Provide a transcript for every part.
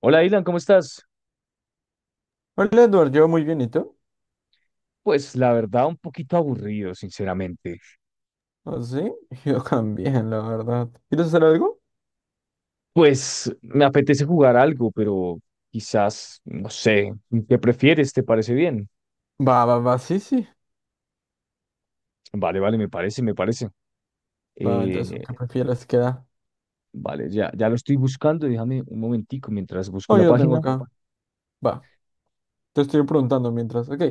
Hola, Dylan, ¿cómo estás? Hola Edward, yo muy bien, ¿y tú? Pues la verdad, un poquito aburrido, sinceramente. ¿Ah, sí? Yo también, la verdad. ¿Quieres hacer algo? Pues me apetece jugar algo, pero quizás, no sé, ¿qué prefieres? ¿Te parece bien? Va, va, va, sí, sí. Vale, vale, me parece, me parece. Va, entonces, ¿qué Eh, prefieres que da? vale, ya lo estoy buscando, déjame un momentico mientras busco Oh, la yo lo tengo página. acá. Va, te estoy preguntando mientras. Ok.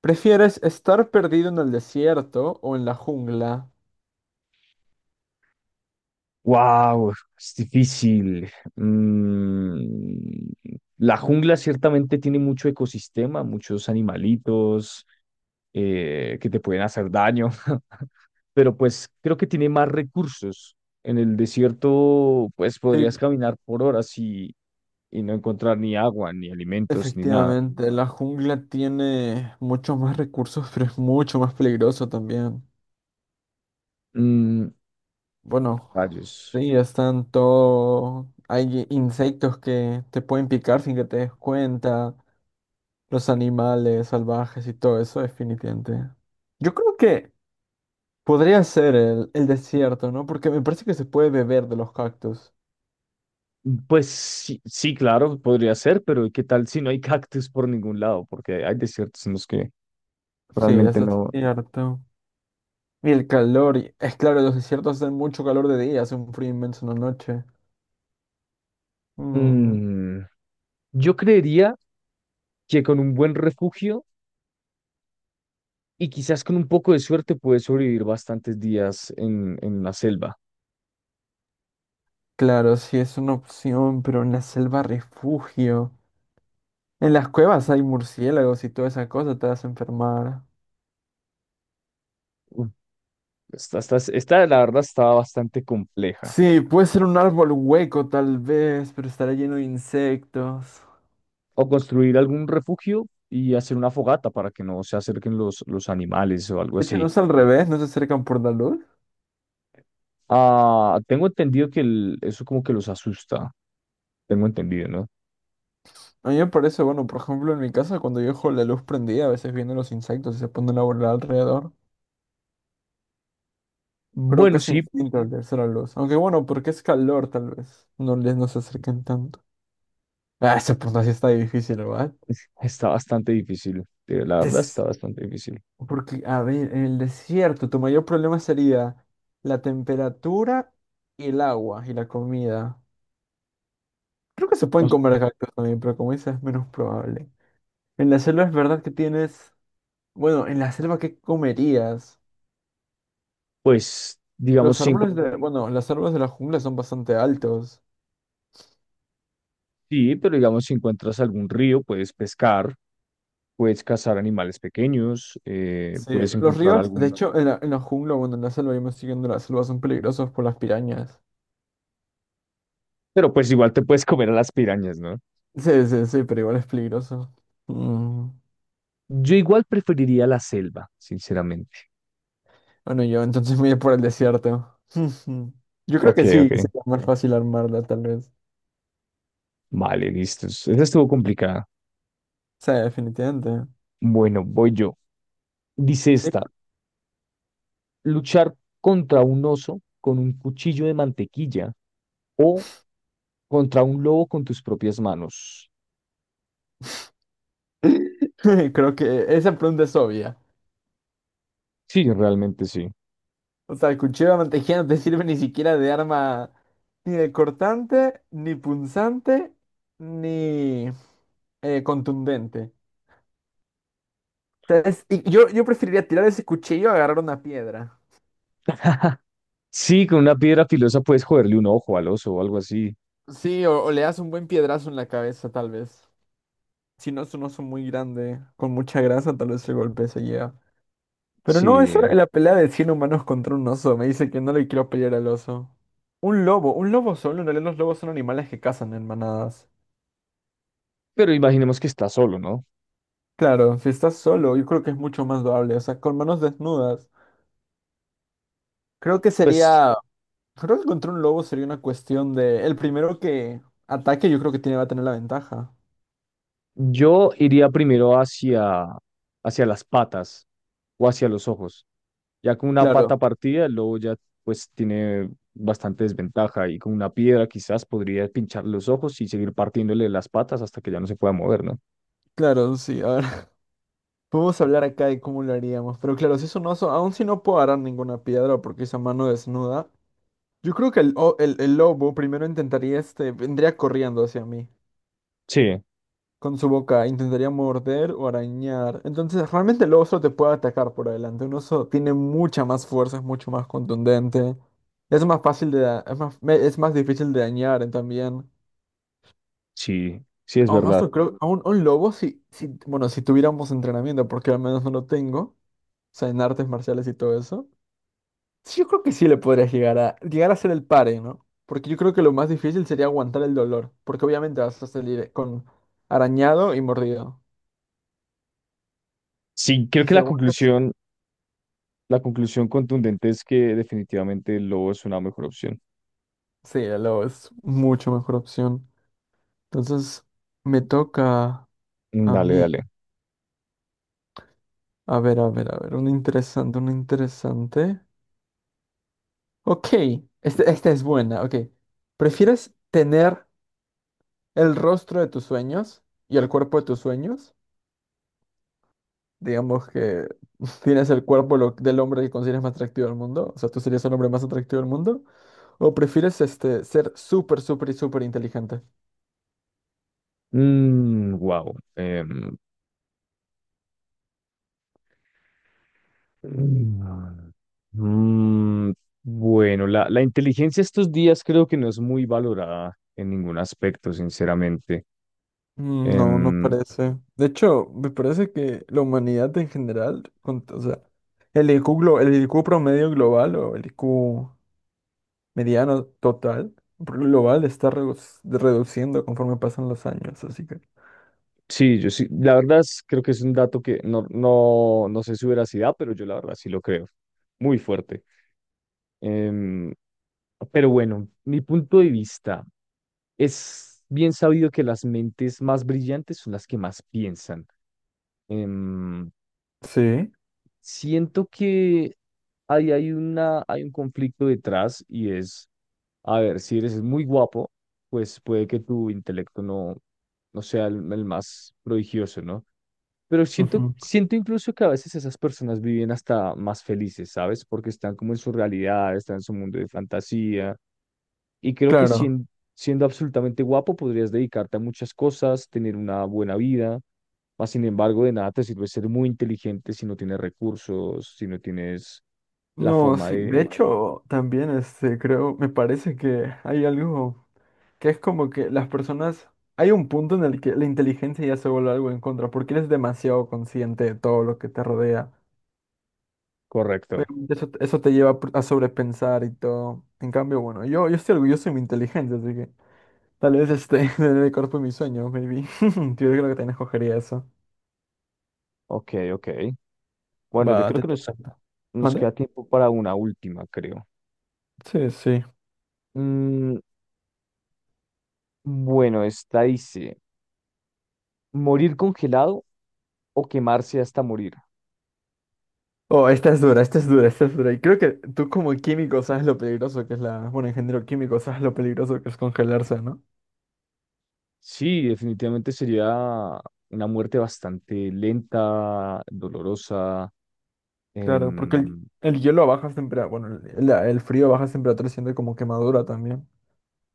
¿Prefieres estar perdido en el desierto o en la jungla? ¡Wow! Es difícil. Mm, la jungla ciertamente tiene mucho ecosistema, muchos animalitos que te pueden hacer daño, pero pues creo que tiene más recursos. En el desierto, pues Sí, podrías caminar por horas y no encontrar ni agua, ni alimentos, ni nada. efectivamente, la jungla tiene muchos más recursos, pero es mucho más peligroso también. Mm, Bueno, rayos. sí, están todo. Hay insectos que te pueden picar sin que te des cuenta. Los animales salvajes y todo eso, definitivamente. Yo creo que podría ser el desierto, ¿no? Porque me parece que se puede beber de los cactus. Pues sí, sí, claro, podría ser, pero ¿qué tal si no hay cactus por ningún lado? Porque hay desiertos en los que Sí, eso realmente es no. cierto. Y el calor, es claro, los desiertos hacen mucho calor de día, hace un frío inmenso en la noche. Mm, Mm, yo creería que con un buen refugio y quizás con un poco de suerte puedes sobrevivir bastantes días en la selva. claro, sí es una opción, pero en la selva refugio. En las cuevas hay murciélagos y toda esa cosa, te vas a enfermar. Esta, la verdad, estaba bastante compleja. Sí, puede ser un árbol hueco tal vez, pero estará lleno de insectos. O construir algún refugio y hacer una fogata para que no se acerquen los animales o algo De hecho, no así. es al revés, no se acercan por la luz. Ah, tengo entendido que eso como que los asusta. Tengo entendido, ¿no? A mí me parece, bueno, por ejemplo, en mi casa, cuando yo dejo la luz prendida, a veces vienen los insectos y se ponen a volar alrededor. Creo que Bueno, es sí, instinto al verse la luz. Aunque bueno, porque es calor, tal vez. No se acerquen tanto. Ah, esa pregunta sí está difícil, ¿verdad? está bastante difícil. La verdad, Des- está bastante difícil. Porque, a ver, en el desierto, tu mayor problema sería la temperatura y el agua y la comida. Creo que se O pueden s- comer cactus también, pero como dices, es menos probable. En la selva es verdad que tienes. Bueno, en la selva, ¿qué comerías? Pues, digamos, Los si encuent- árboles de, bueno, los árboles de la jungla son bastante altos. Sí, pero digamos, si encuentras algún río, puedes pescar, puedes cazar animales pequeños, Sí, puedes los encontrar ríos, de algún... hecho, en la jungla, bueno, en la selva, yo me estoy yendo a la selva, son peligrosos por las pirañas. Pero pues igual te puedes comer a las pirañas, ¿no? Sí, sí, sí, pero igual es peligroso. Mm. Yo igual preferiría la selva, sinceramente. Bueno, yo entonces me voy por el desierto. Yo creo Ok, que sí, ok. sería más fácil armarla, tal vez. Vale, listo. Esta estuvo complicada. Sí, definitivamente. Bueno, voy yo. Dice Sí. esta, luchar contra un oso con un cuchillo de mantequilla o contra un lobo con tus propias manos. Creo que esa pregunta es obvia. Sí, realmente sí. O sea, el cuchillo de mantequilla no te sirve ni siquiera de arma, ni de cortante, ni punzante, ni contundente. O sea, y yo preferiría tirar ese cuchillo a agarrar una piedra. Sí, con una piedra filosa puedes joderle un ojo al oso o algo así. Sí, o le das un buen piedrazo en la cabeza, tal vez. Si no es un oso muy grande, con mucha grasa, tal vez el golpe se lleva. Pero no, eso Sí, es la pelea de 100 humanos contra un oso. Me dice que no le quiero pelear al oso. Un lobo solo. En realidad los lobos son animales que cazan en manadas. pero imaginemos que está solo, ¿no? Claro, si estás solo, yo creo que es mucho más doable, o sea, con manos desnudas. Creo que Pues sería, creo que contra un lobo sería una cuestión de, el primero que ataque yo creo que tiene, va a tener la ventaja. yo iría primero hacia, hacia las patas o hacia los ojos. Ya con una pata Claro, partida, el lobo ya pues tiene bastante desventaja y con una piedra quizás podría pinchar los ojos y seguir partiéndole las patas hasta que ya no se pueda mover, ¿no? claro, sí, a ver, podemos hablar acá de cómo lo haríamos, pero claro, si es un oso, aún si no puedo agarrar ninguna piedra porque es a mano desnuda, yo creo que el lobo primero intentaría, este, vendría corriendo hacia mí. Sí, Con su boca intentaría morder o arañar. Entonces, realmente el oso te puede atacar por adelante. Un oso tiene mucha más fuerza, es mucho más contundente. Es más fácil de, es más, es más difícil de dañar también. sí, sí es A un verdad. oso creo, a un lobo si, bueno, si tuviéramos entrenamiento, porque al menos no lo tengo, o sea, en artes marciales y todo eso. Sí, yo creo que sí le podrías llegar a hacer el pare, ¿no? Porque yo creo que lo más difícil sería aguantar el dolor, porque obviamente vas a salir con arañado y mordido. Sí, creo Y que si aguantas. La conclusión contundente es que definitivamente el lobo es una mejor opción. Sí, el lobo es mucho mejor opción. Entonces, me toca Mm, a dale, mí. dale. A ver, a ver, a ver. Un interesante, un interesante. Ok, esta es buena. Ok. ¿Prefieres tener el rostro de tus sueños y el cuerpo de tus sueños? Digamos que tienes el cuerpo del hombre que consideras más atractivo del mundo. O sea, tú serías el hombre más atractivo del mundo. ¿O prefieres este, ser súper, súper y súper inteligente? Mm, wow. Mm, mm, bueno, la inteligencia estos días creo que no es muy valorada en ningún aspecto, sinceramente. No, no Em, parece. De hecho, me parece que la humanidad en general, o sea, el IQ, el IQ promedio global o el IQ mediano total global está reduciendo conforme pasan los años, así que. sí, yo sí, creo que es un dato que no, no, no sé su veracidad, pero yo la verdad sí lo creo. Muy fuerte. Em, pero bueno, mi punto de vista es bien sabido que las mentes más brillantes son las que más piensan. Em, Sí, siento que ahí hay hay un conflicto detrás y es, a ver, si eres muy guapo, pues puede que tu intelecto no, no sea el más prodigioso, ¿no? Pero ujú. siento incluso que a veces esas personas viven hasta más felices, ¿sabes? Porque están como en su realidad, están en su mundo de fantasía. Y Claro. Siendo absolutamente guapo podrías dedicarte a muchas cosas, tener una buena vida. Mas, sin embargo, de nada te sirve ser muy inteligente si no tienes recursos, si no tienes la No, forma sí, de de... hecho, también este, creo, me parece que hay algo que es como que las personas, hay un punto en el que la inteligencia ya se vuelve algo en contra, porque eres demasiado consciente de todo lo que te rodea. Correcto. Obviamente eso te lleva a sobrepensar y todo. En cambio, bueno, yo estoy orgulloso de mi inteligencia, así que tal vez este, tener el cuerpo de mis sueños, maybe. Yo creo que también escogería eso. Ok, ok. Bueno, yo Va, creo te que toca. nos ¿Mande? queda tiempo para una última, creo. Sí, sí. Mm, bueno, esta dice, ¿morir congelado o quemarse hasta morir? Oh, esta es dura, esta es dura, esta es dura. Y creo que tú como químico sabes lo peligroso que es la. Bueno, ingeniero químico sabes lo peligroso que es congelarse, ¿no? Sí, definitivamente sería una muerte bastante lenta, dolorosa. Claro, porque el, em, el hielo a bajas temperaturas. Bueno, el frío a bajas temperaturas siente como quemadura también.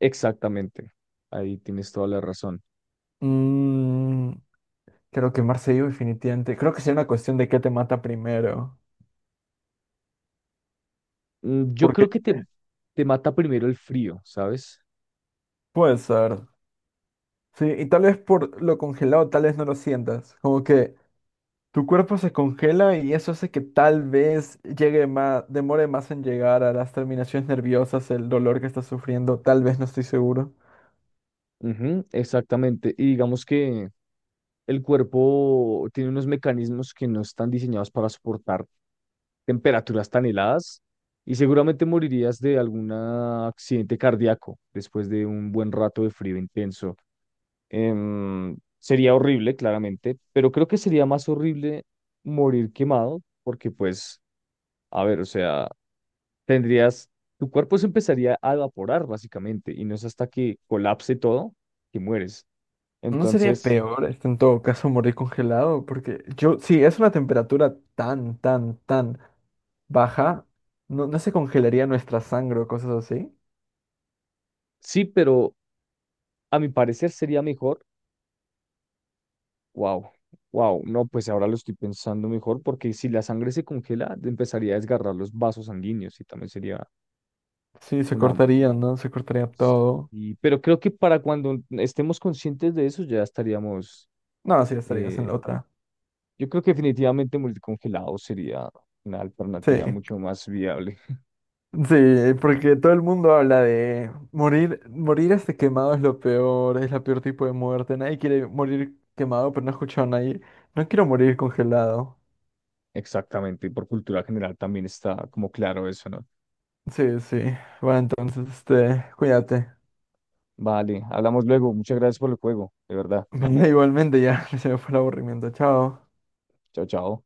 exactamente, ahí tienes toda la razón. Mm, creo que vivo definitivamente. Creo que sería una cuestión de qué te mata primero. Mm, yo Porque creo que te mata primero el frío, ¿sabes? puede ser. Sí, y tal vez por lo congelado, tal vez no lo sientas. Como que tu cuerpo se congela y eso hace que tal vez llegue más, demore más en llegar a las terminaciones nerviosas, el dolor que estás sufriendo, tal vez no estoy seguro. Ujú, exactamente. Y digamos que el cuerpo tiene unos mecanismos que no están diseñados para soportar temperaturas tan heladas y seguramente morirías de algún accidente cardíaco después de un buen rato de frío intenso. Sería horrible, claramente, pero creo que sería más horrible morir quemado porque pues, a ver, o sea, tendrías, tu cuerpo se empezaría a evaporar básicamente y no es hasta que colapse todo que mueres. ¿No sería Entonces, peor, este, en todo caso, morir congelado? Porque yo, sí, es una temperatura tan, tan, tan baja, no, no se congelaría nuestra sangre o cosas así. sí, pero a mi parecer sería mejor. Wow, wow. No, pues ahora lo estoy pensando mejor porque si la sangre se congela, empezaría a desgarrar los vasos sanguíneos y también sería Sí, se una... cortaría, ¿no? Se cortaría todo. y- pero creo que para cuando estemos conscientes de eso ya estaríamos... No, sí, estarías en la eh, otra. yo creo que definitivamente morir congelado sería una Sí, alternativa mucho más viable. sí, porque todo el mundo habla de morir este quemado es lo peor, es la peor tipo de muerte. Nadie quiere morir quemado, pero no he escuchado a nadie. No quiero morir congelado. Exactamente. Y por cultura general también está como claro eso, ¿no? Sí, sí. Bueno, entonces, este, cuídate. Vale, hablamos luego. Muchas gracias por el juego, de verdad. Igualmente ya, se me fue el aburrimiento. Chao. Chao, chao.